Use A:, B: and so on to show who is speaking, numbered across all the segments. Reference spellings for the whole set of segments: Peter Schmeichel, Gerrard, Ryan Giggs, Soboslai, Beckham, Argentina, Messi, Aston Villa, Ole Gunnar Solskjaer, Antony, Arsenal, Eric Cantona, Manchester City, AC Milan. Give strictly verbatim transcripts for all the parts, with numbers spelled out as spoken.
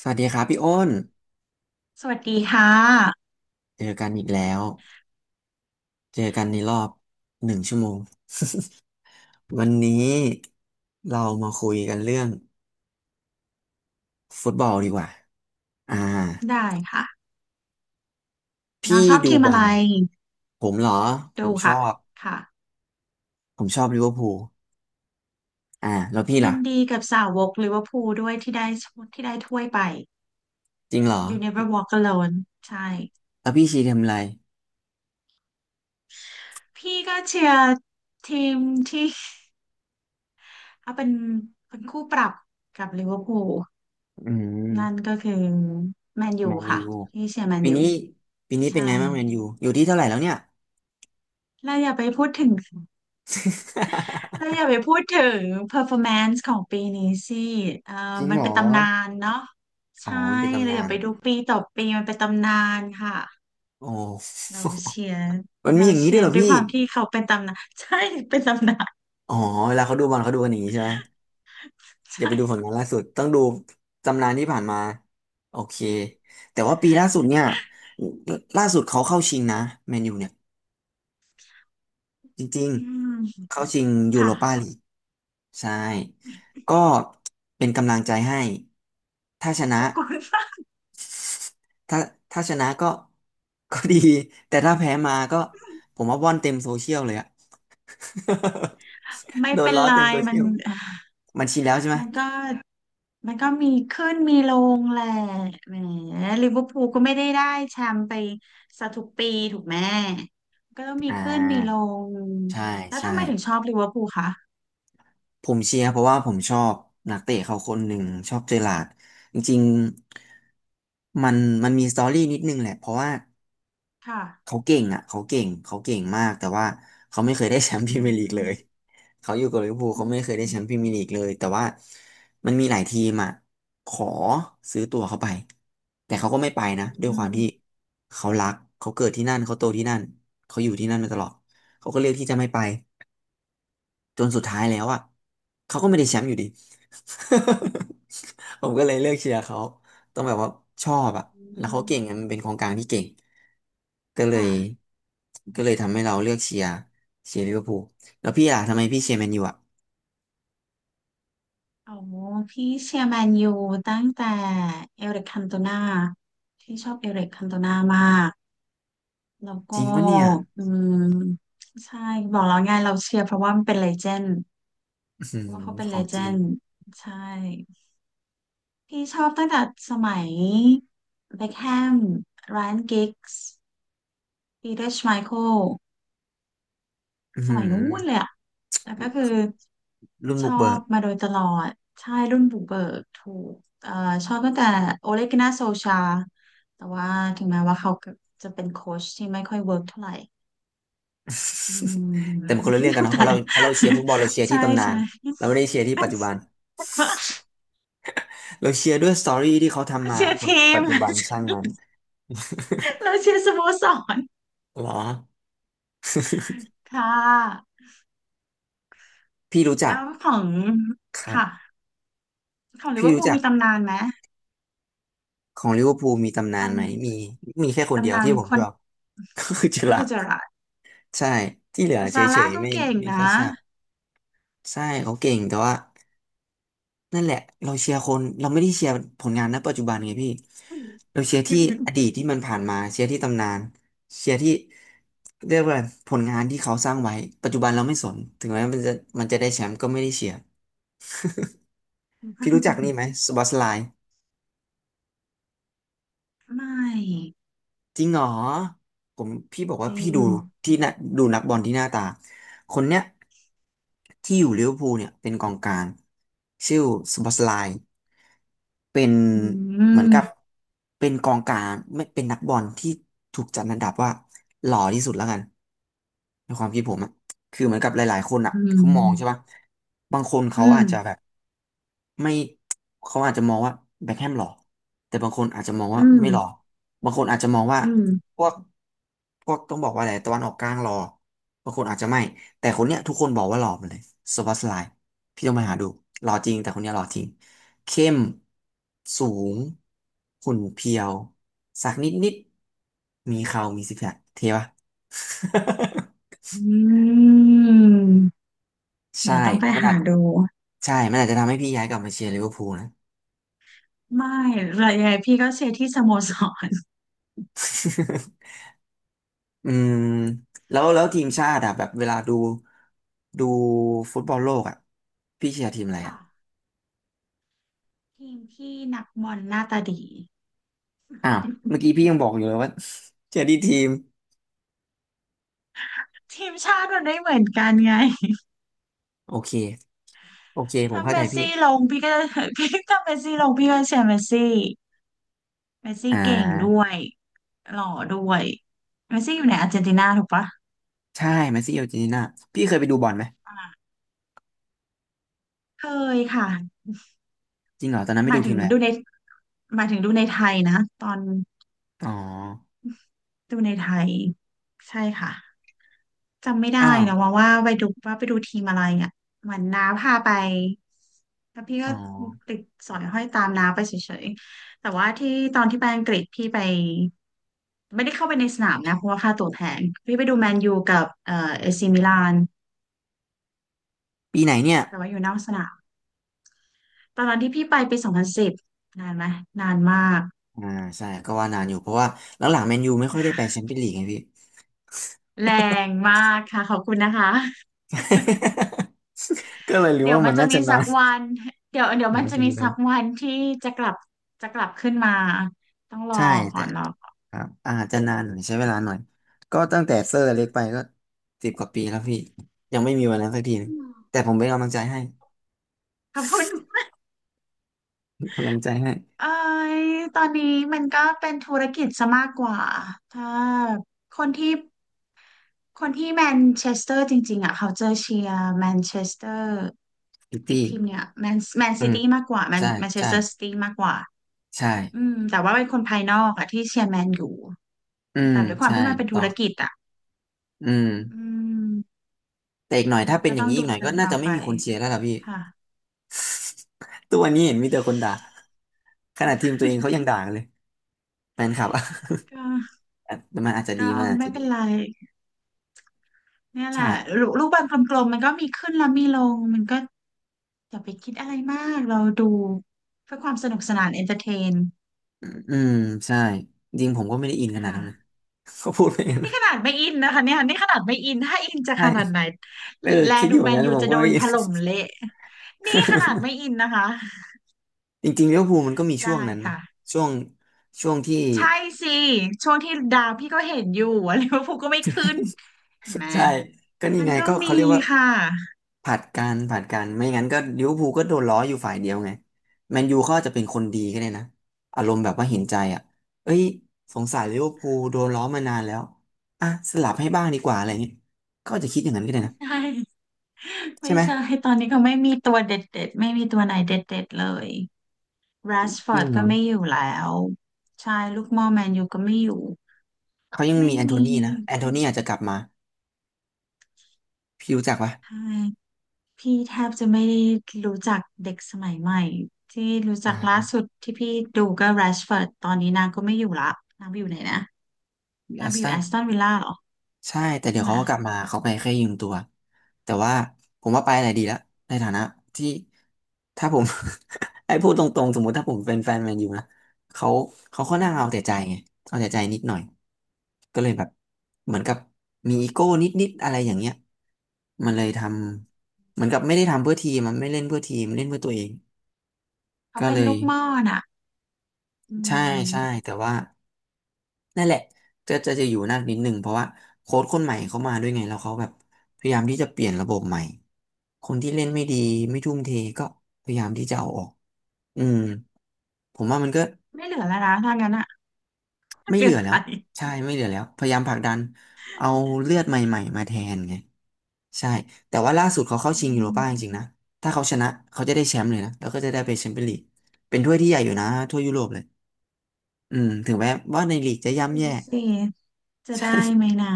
A: สวัสดีครับพี่อ้น
B: สวัสดีค่ะ
A: เจอกันอีกแล้วเจอกันในรอบหนึ่งชั่วโมงวันนี้เรามาคุยกันเรื่องฟุตบอลดีกว่าอ่า
B: ได้ค่ะน้
A: พี่
B: องชอบ
A: ดู
B: ทีม
A: บอ
B: อะไร
A: ลผมเหรอผ
B: ดู
A: มชอ
B: ค่ะ
A: บ
B: ค่ะ
A: ผมชอบลิเวอร์พูลอ่าแล้วพี่
B: ยิ
A: ล่ะ
B: นดีกับสาวกลิเวอร์พูลด้วยที่ได้ที่ได้ถ้วยไป
A: จริงเหรอ
B: You Never Walk Alone ใช่
A: แล้วพี่ชีทำอะไร
B: พี่ก็เชียร์ทีมที่ เอาเป็นเป็นคู่ปรับกับลิเวอร์พูล
A: อื
B: นั่น
A: ม
B: ก็คือแมนยู
A: แมนยู
B: ค่ะพี่เชียร์แมน
A: ปี
B: ยู
A: นี้ปีนี้เป็
B: ใช่
A: นไงบ้างแมนยูอยู่ที่เท่าไหร่แล้วเนี่ย
B: แล้วอย่าไปพูดถึง เธอ อย่าไปพูดถึง performance ของปีนี้สิเอ่อ
A: จริง
B: มัน
A: เหร
B: เป็
A: อ
B: นตำนานเนาะ
A: อ๋อ
B: ใช่
A: มันเป็นตำ
B: เรา
A: นา
B: อย่า
A: น
B: ไปดูปีต่อปีมันเป็นตำนานค่ะ
A: โอ้
B: เราเชียร์
A: มันมี
B: เรา
A: อย่างนี้
B: เชี
A: ด้ว
B: ย
A: ยเห
B: ร์
A: รอ
B: ด้วยค
A: พี่
B: วามที่เขาเป็นตำนาน ใช่เป็นตำนาน
A: อ๋อเวลาเขาดูบอลเขาดูกันอย่างนี้ใช่ไหมอย่าไปดูผล
B: ใช่
A: งานล่าสุดต้องดูตำนานที่ผ่านมาโอเคแต่ว่าปีล่าสุดเนี่ยล่าสุดเขาเข้าชิงนะแมนยูเนี่ยจริง
B: อื
A: ๆ
B: ม
A: เข้าชิงยูโรปา
B: ค่ะ
A: ลีกใช่ก็เป็นกำลังใจให้ถ้าช
B: ข
A: นะ
B: อบคุณมาก
A: ถ้าถ้าชนะก็ก็ดีแต่ถ้าแพ้มาก็ผมว่าว่อนเต็มโซเชียลเลยอะ
B: ไม่
A: โดน
B: เป็น
A: ล้อ
B: ไร
A: เต็มโซ
B: มั
A: เชี
B: น
A: ยลมันชินแล้วใช่ไหม
B: มันก็ มันก็มีขึ้นมีลงแหละแหมลิเวอร์พูลก็ไม่ได้ได้แชมป์ไปซะทุกปีถูกไหมก็ต้องมี
A: อ่
B: ขึ้นมีล
A: า
B: ง
A: ใช่
B: แล้ว
A: ใช่
B: ทำไมถึงชอบลิเวอร์พูลคะ
A: ผมเชียร์เพราะว่าผมชอบนักเตะเขาคนหนึ่งชอบเจอร์ราร์ดจริงๆมันมันมีสตอรี่นิดนึงแหละเพราะว่า
B: ค่ะ
A: เขาเก่งอ่ะเขาเก่งเขาเก่งมากแต่ว่าเขาไม่เคยได้แชมป์พ
B: อื
A: รีเมียร์ลีกเลย
B: ม
A: เขาอยู่กับลิเวอร์พูล
B: อื
A: เขาไม่เคยได้แชมป์พรี
B: ม
A: เมียร์ลีกเลยแต่ว่ามันมีหลายทีมอ่ะขอซื้อตัวเขาไปแต่เขาก็ไม่ไป
B: อืม
A: นะด้วย
B: อื
A: ความที่
B: ม
A: เขารักเขาเกิดที่นั่นเขาโตที่นั่นเขาอยู่ที่นั่นมาตลอดเขาก็เลือกที่จะไม่ไป จนสุดท้ายแล้วอ่ะเขาก็ไม่ได้แชมป์อยู่ดี ผมก็เลยเลือกเชียร์เขาต้องแบบว่าชอบอ่ะ
B: อื
A: แล้วเขา
B: ม
A: เก่งอะมันเป็นกองกลางที่เก่งก็เลย
B: ค่ะ
A: ก็เลยทำให้เราเลือกเชียร์เชียร์ลิเวอร์พูลแล้วพี่อ่ะทำไมพี่เชียร์แมนยูอ่ะ
B: โอ้พี่เชียร์แมนยูตั้งแต่เอริกคันโตนาที่ชอบเอริกคันโตนามากแล้ว
A: จ
B: ก็
A: ริงปะเนี่ย
B: อืมใช่บอกแล้วไงเราเชียร์เพราะว่ามันเป็นเลเจนด์
A: อือหื
B: เพ
A: อ
B: ราะว่าเขาเป็น
A: ข
B: เล
A: อง
B: เจ
A: จริง
B: นด์ใช่ พี่ชอบตั้งแต่สมัยเบ็คแฮมไรอันกิกส์ปีเตอร์ชไมเคิล
A: อือ
B: ส
A: หือ
B: มัยนู้นเลยอะแต่ก็คือ
A: รุ่น
B: ช
A: บุ
B: อ
A: กเบิ
B: บ
A: ก
B: มาโดยตลอดใช่รุ่นบุกเบิกถูกเอ่อชอบตั้งแต่โอเลกินาโซชาแต่ว่าถึงแม้ว่าเขาจะเป็นโค้ชที่ไม่ค่อยเวิร์กเท่าไหร่อืม
A: แต่มันคนละเรื่องกัน เนาะเพ
B: แต่
A: ราะเราเพราะเราเชียร์ฟุตบอลเราเชีย ร์
B: ใช่
A: ที่ตำนา
B: ใช่
A: นเราไม่ได้เชียร์ที่ปัจจุบัน
B: แต่ว่า
A: เราเชียร์ด้วยสตอรี่ที่เขาทำมา
B: เชียร์
A: ผลงา
B: ที
A: นปั
B: ม
A: จจุบันช่างมัน
B: เราเชียร์สโมสร
A: เหรอ
B: ค่ะ
A: พี่รู้จั
B: แล้
A: ก
B: วของ
A: ครั
B: ค่ะ
A: บ
B: ของลิเว
A: พี่
B: อร์
A: รู้
B: พูล
A: จัก
B: มีตำนานไหม
A: ของลิเวอร์พูลมีตำนานไหมมี
B: ต
A: มีแค่ค
B: ำ
A: นเดีย
B: ตำ
A: ว
B: นาน
A: ที่ผม
B: ค
A: ช
B: น
A: อบ ก็คือเจอร์
B: ก็
A: รา
B: คื
A: ร์
B: อ
A: ด
B: เจอราร์ด
A: ใช่ที่เหลือ
B: แต่
A: เฉ
B: ซาร่า
A: ยๆ
B: ก็
A: ไม่
B: เก่ง
A: ไม่ค่อย
B: นะ
A: ชอบใช่เขาเก่งแต่ว่านั่นแหละเราเชียร์คนเราไม่ได้เชียร์ผลงานณปัจจุบันไงพี่เราเชียร์ที่อดีตที่มันผ่านมาเชียร์ที่ตำนานเชียร์ที่เรียกว่าผลงานที่เขาสร้างไว้ปัจจุบันเราไม่สนถึงแม้มันจะมันจะได้แชมป์ก็ไม่ได้เชียร์พี่รู้จักนี่ไห มสบอสไลน์
B: ไม่
A: จริงเหรอผมพี่บอก
B: จ
A: ว่า
B: ริ
A: พี่
B: ง
A: ดูที่น่ะดูนักบอลที่หน้าตาคนเนี้ยที่อยู่ลิเวอร์พูลเนี่ยเป็นกองกลางชื่อสบอสไลน์เป็น
B: อื
A: เหมือนกับ
B: ม
A: เป็นกองกลางไม่เป็นนักบอลที่ถูกจัดอันดับว่าหล่อที่สุดแล้วกันในความคิดผมอะ คือเหมือนกับหลายๆคนอ่ะ
B: อื
A: เขามองใช่ปะ
B: ม
A: บางคนเขา
B: อืม
A: อาจจะแบบไม่เขาอาจจะมองว่าแบ็คแฮมหล่อแต่บางคนอาจจะมองว่า
B: อืม
A: ไม่หล่อบางคนอาจจะมองว่า
B: อืม
A: พวกพวกต้องบอกว่าอะไรตะวันออกกลางหล่อบางคนอาจจะไม่แต่คนเนี้ยทุกคนบอกว่าหล่อหมดเลยโซบาสไลน์พี่ต้องไปหาดูหล่อจริงแต่คนเนี้ยหล่อจริงเข้มสูงหุ่นเพรียวสักนิดนิดมีเขามีซิกแพคเท่ปะ
B: อืม
A: ใช่
B: เดี๋ยวต้องไป
A: มัน
B: หา
A: อาจ
B: ดู
A: ใช่มันอาจจะทำให้พี่ย้ายกลับมาเชียร์ลิเวอร์พูลนะ
B: ไม่ระยะพี่ก็เชียร์ที่สโมสร
A: อืมแล้วแล้วทีมชาติอะแบบเวลาดูดูฟุตบอลโลกอะพี่เชียร์ทีมอะไรอะ
B: ค่ะทีมที่นักบอลหน้าตาดี
A: อ้าวเมื่อ กี้พี่ยังบอกอยู่เลยว่า เชียร์ที่ทีม
B: ทีมชาติมันไม่เหมือนกันไง
A: โอเคโอเคผม
B: ถ้า
A: เข้า
B: เม
A: ใจ
B: ส
A: พี่
B: ซี่ลงพี่ก็จะ พี่ถ้าเมสซี่ลง พี่ก็จะเชียร์เมสซี่เมสซี่
A: อ่
B: เก่งด้ว
A: า
B: ยหล่อด้วยเมสซี่อยู่ในอาร์เจนตินาถูกปะ
A: ใช่แมสซี่อาร์เจนตินาพี่เคยไปดูบอลไหม
B: อ่าเคยค่ะ
A: จริงเหรอตอนนั้น
B: ห
A: ไม่
B: มา
A: ดู
B: ยถึ
A: ที
B: ง
A: มอะไร
B: ดูในหมายถึงดูในไทยนะตอน
A: อ๋อ
B: ดูในไทยใช่ค่ะ จำไม่ได้
A: อ้าว
B: นะว่าว่าไปดูว่าไปดูทีมอะไรอ่ะเหมือนน้าพาไปแล้วพี่ก็
A: อ๋อ
B: ติดสอยห้อยตามน้าไปเฉยๆแต่ว่าที่ตอนที่ไปอังกฤษพี่ไปไม่ได้เข้าไปในสนามนะเพราะว่าค่าตั๋วแพงพี่ไปดูแมนยูกับเอ่อเอซีมิลาน
A: ปีไหนเนี่ย
B: แต่ว่าอยู่นอกสนามตอนนั้นที่พี่ไปปีสองพันสิบนานไหมนานมาก
A: อ่าใช่ก็ว่านานอยู่เพราะว่าหลังๆแมนยูไม่ค่อยได้ไปแช มเปี้ยนลีกไงพี่
B: แรงมากค่ะขอบคุณนะคะ
A: ก็เลยรู้
B: เดี๋ยว
A: ว่า
B: มั
A: มั
B: น
A: น
B: จะ
A: น่า
B: มี
A: จะ
B: สั
A: นา
B: ก
A: น
B: วันเดี๋ยวเดี๋ยว
A: อ๋อ
B: มัน
A: มัน
B: จะ
A: จะ
B: มี
A: มีทั้
B: สั
A: ง
B: กวันที่จะกลับจะกลับขึ้นมาต้องรอ
A: ใช่
B: ก่อ
A: แต่
B: นรอก่อน
A: ครับอาจจะนานหน่อยใช้เวลาหน่อยก็ตั้งแต่เซอร์เล็กไปก็สิบกว่าปีแล้วพี่ยังไม่มีวันนั้นสักทีหนึ
B: อื
A: ง
B: ม
A: แต่ผมเป็นกำลังใจให้
B: ขอบคุณ
A: เป็นกำลังใจให้
B: เอ้ยตอนนี้มันก็เป็นธุรกิจซะมากกว่าถ้าคนที่คนที่แมนเชสเตอร์จริงๆอ่ะเขาจะเชียร์แมนเชสเตอร์
A: พิต
B: อีก
A: ตี้
B: ทีมเนี่ยแมนแมน
A: อื
B: ซิ
A: ม
B: ตี้มากกว่าแมน
A: ใช่
B: แมนเช
A: ใช่
B: สเตอร์ซิตี้มากกว่า
A: ใช่
B: อืมแต่ว่าเป็นคนภายนอกอะที่เชียร์แมนอยู่
A: อืม
B: แต่ด้วยความ
A: ใช่
B: ที่มันเป็น
A: ต่
B: ธุ
A: อ
B: รกิจอะ
A: อืม
B: อืม
A: แต่อีกหน่อย
B: มั
A: ถ้า
B: น
A: เป็น
B: ก็
A: อย่า
B: ต้
A: ง
B: อง
A: นี้อี
B: ดู
A: กหน่อย
B: กั
A: ก็
B: น
A: น่า
B: ต่อ
A: จะไม่
B: ไป
A: มีคนเชียร์แล้วล่ะพี่
B: ค่ะ
A: ตัวนนี้เห็นมีแต่คนด่าขนาดทีมตัวเองเขายังด่ากันเลยแฟนคลับอะ
B: ก็
A: แต่มันอาจจะ
B: ก็
A: ดีมันอาจ
B: ไม่
A: จะดี
B: เป็นไรเนี่ยแหละ
A: ใช่
B: ลูลูกบอลกลมๆมันก็มีขึ้นแล้วมีลงมันก็อย่าไปคิดอะไรมากเราดูเพื่อความสนุกสนานเอนเตอร์เทน
A: อืมใช่จริงผมก็ไม่ได้อินขนาดนั้นนะ
B: ค่ะ
A: ก็พูดไปอย่างนั้น
B: นี่
A: นะ
B: ขนาดไม่อินนะคะเนี่ยนี่ขนาดไม่อินถ้าอินจะ
A: ใช่
B: ขนาดไหน
A: เออ
B: แล
A: คิดอ
B: ดู
A: ยู่เห
B: แม
A: มือน
B: น
A: กัน
B: ยู
A: ผม
B: จะ
A: ก็
B: โด
A: ไม่
B: น
A: อิ
B: ถ
A: น
B: ล่มเละนี่ขนาดไม่ อินนะคะ
A: จริงๆลิเวอร์พูลมันก็มีช่วง
B: ได้
A: นั้นนะ
B: ค่ะ
A: ช่วงช่วงที่
B: ใช่สิช่วงที่ดาวพี่ก็เห็นอยู่ ว่าลิเวอร์พูลก็ไม่ขึ้นเห็นไหม
A: ใช่ก็นี่
B: มัน
A: ไง
B: ก็
A: ก็
B: มี
A: เขาเรียกว่า
B: ค่ะ
A: ผลัดกันผลัดกันไม่งั้นก็ลิเวอร์พูลก็โดนล้ออยู่ฝ่ายเดียวไงแมนยูเขาอาจจะเป็นคนดีก็ได้นะอารมณ์แบบว่าเห็นใจอ่ะเอ้ยสงสารลิเวอร์พูลโดนล้อมานานแล้วอ่ะสลับให้บ้างดีกว่าอะไรเงี้ยก็อาจจะคิดอย่างนั้นก็ได้นะ
B: ใช่ไม่
A: ใช่ไหม
B: ใช่ตอนนี้ก็ไม่มีตัวเด็ดๆไม่มีตัวไหนเด็ดๆเลย r ร s ฟ
A: จ
B: อ
A: ริง
B: ร์ด
A: เหร
B: ก็
A: อ
B: ไม่อยู่แล้วใช่ลูกหม่อแมนยูก็ไม่อยู่
A: เขายัง
B: ไม่
A: มีแอนโท
B: มี
A: นีนะแอนโทนีอาจจะกลับมาพี่รู้จักปะ
B: ใช่พี่แทบจะไม่ได้รู้จักเด็กสมัยใหม่ที่รู้
A: อ่
B: จักล่าสุ
A: า
B: ดที่พี่ดูก็ r ร s ฟอร์ดตอนนี้นางก็ไม่อยู่ละนางไปอยู่ไหนนะนา
A: อา
B: ง
A: ร์
B: ไป
A: เซ
B: อ
A: น
B: ยู่
A: อ
B: แอ
A: ล
B: สตันวิลล่าเหรอ
A: ใช่แต่
B: ใช่
A: เดี๋ยว
B: ไหม
A: เขาก็กลับมาเขาไปแค่ยืมตัวแต่ว่าผมว่าไปอะไรดีแล้วในฐานะที่ถ้าผม ไอ้พูดตรงๆสมมุติถ้าผมเป็นแฟนแมนยูนะเขาเขา
B: อื
A: ค่อนข้างเอาแต่
B: ม
A: ใจไงเอาแต่ใจนิดหน่อยก็เลยแบบเหมือนกับมีอีโก้นิดๆอะไรอย่างเงี้ยมันเลยทำเหมือนกับไม่ได้ทำเพื่อทีมมันไม่เล่นเพื่อทีมเล่นเพื่อตัวเอง
B: เขา
A: ก็
B: เป็
A: เล
B: น
A: ย
B: ลูกหม่อน่ะอื
A: ใช่ใช่
B: ม
A: แต่ว่า นั่นแหละจะจะจะอยู่นั่นนิดนึงเพราะว่าโค้ชคนใหม่เขามาด้วยไงแล้วเขาแบบพยายามที่จะเปลี่ยนระบบใหม่คนที่เล่นไม่ดีไม่ทุ่มเทก็พยายามที่จะเอาออกอืมผมว่ามันก็
B: ไม่เหลือแล้วนะถ้างั้นอ่ะ
A: ไม่
B: เหลื
A: เหลื
B: อ
A: อ
B: ใค
A: แล้
B: ร
A: วใช่ไม่เหลือแล้วพยายามผลักดันเอาเลือดใหม่ๆมาแทนไงใช่แต่ว่าล่าสุดเขาเข้า
B: อื
A: ชิงยูโรป้าจ
B: ม
A: ริงๆนะถ้าเขาชนะเขาจะได้แชมป์เลยนะแล้วก็จะได้ไปแชมเปี้ยนลีกเป็นถ้วยที่ใหญ่อยู่นะถ้วยยุโรปเลยอืมถึงแม้ว่าในลีกจะ
B: ไม่
A: ย่ำแย่
B: รู้สิ จะ
A: ใช่
B: ได้ไหมนะ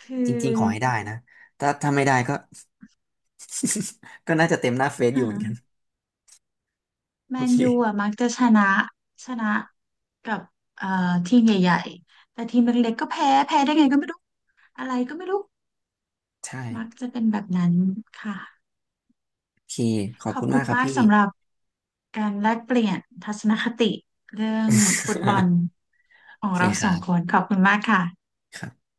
B: คื
A: จริงๆขอ
B: อ
A: ให้ได้นะ ถ้าถ้าไม่ได้ก็ ก็น่าจะเต็มหน้าเฟซอยู่เหมือนกัน
B: ฮะแม
A: โอ
B: นยูอ่ะ
A: เค
B: มักจะชนะชนะกับเอ่อทีมใหญ่ๆแต่ทีมเล็กๆก็แพ้แพ้ได้ไงก็ไม่รู้อะไรก็ไม่รู้
A: ใช่
B: มักจะเป็นแบบนั้นค่ะ
A: โอเคขอ
B: ข
A: บ
B: อ
A: คุ
B: บ
A: ณ
B: คุ
A: มา
B: ณ
A: กครับ
B: มาก
A: พี่
B: สำหรับการแลกเปลี่ยนทัศนคติเรื่องฟุตบอล ขอ
A: โอ
B: ง
A: เค
B: เรา
A: ค
B: สอ
A: รั
B: งค
A: บ
B: นขอบคุณมากค่ะ
A: ครับ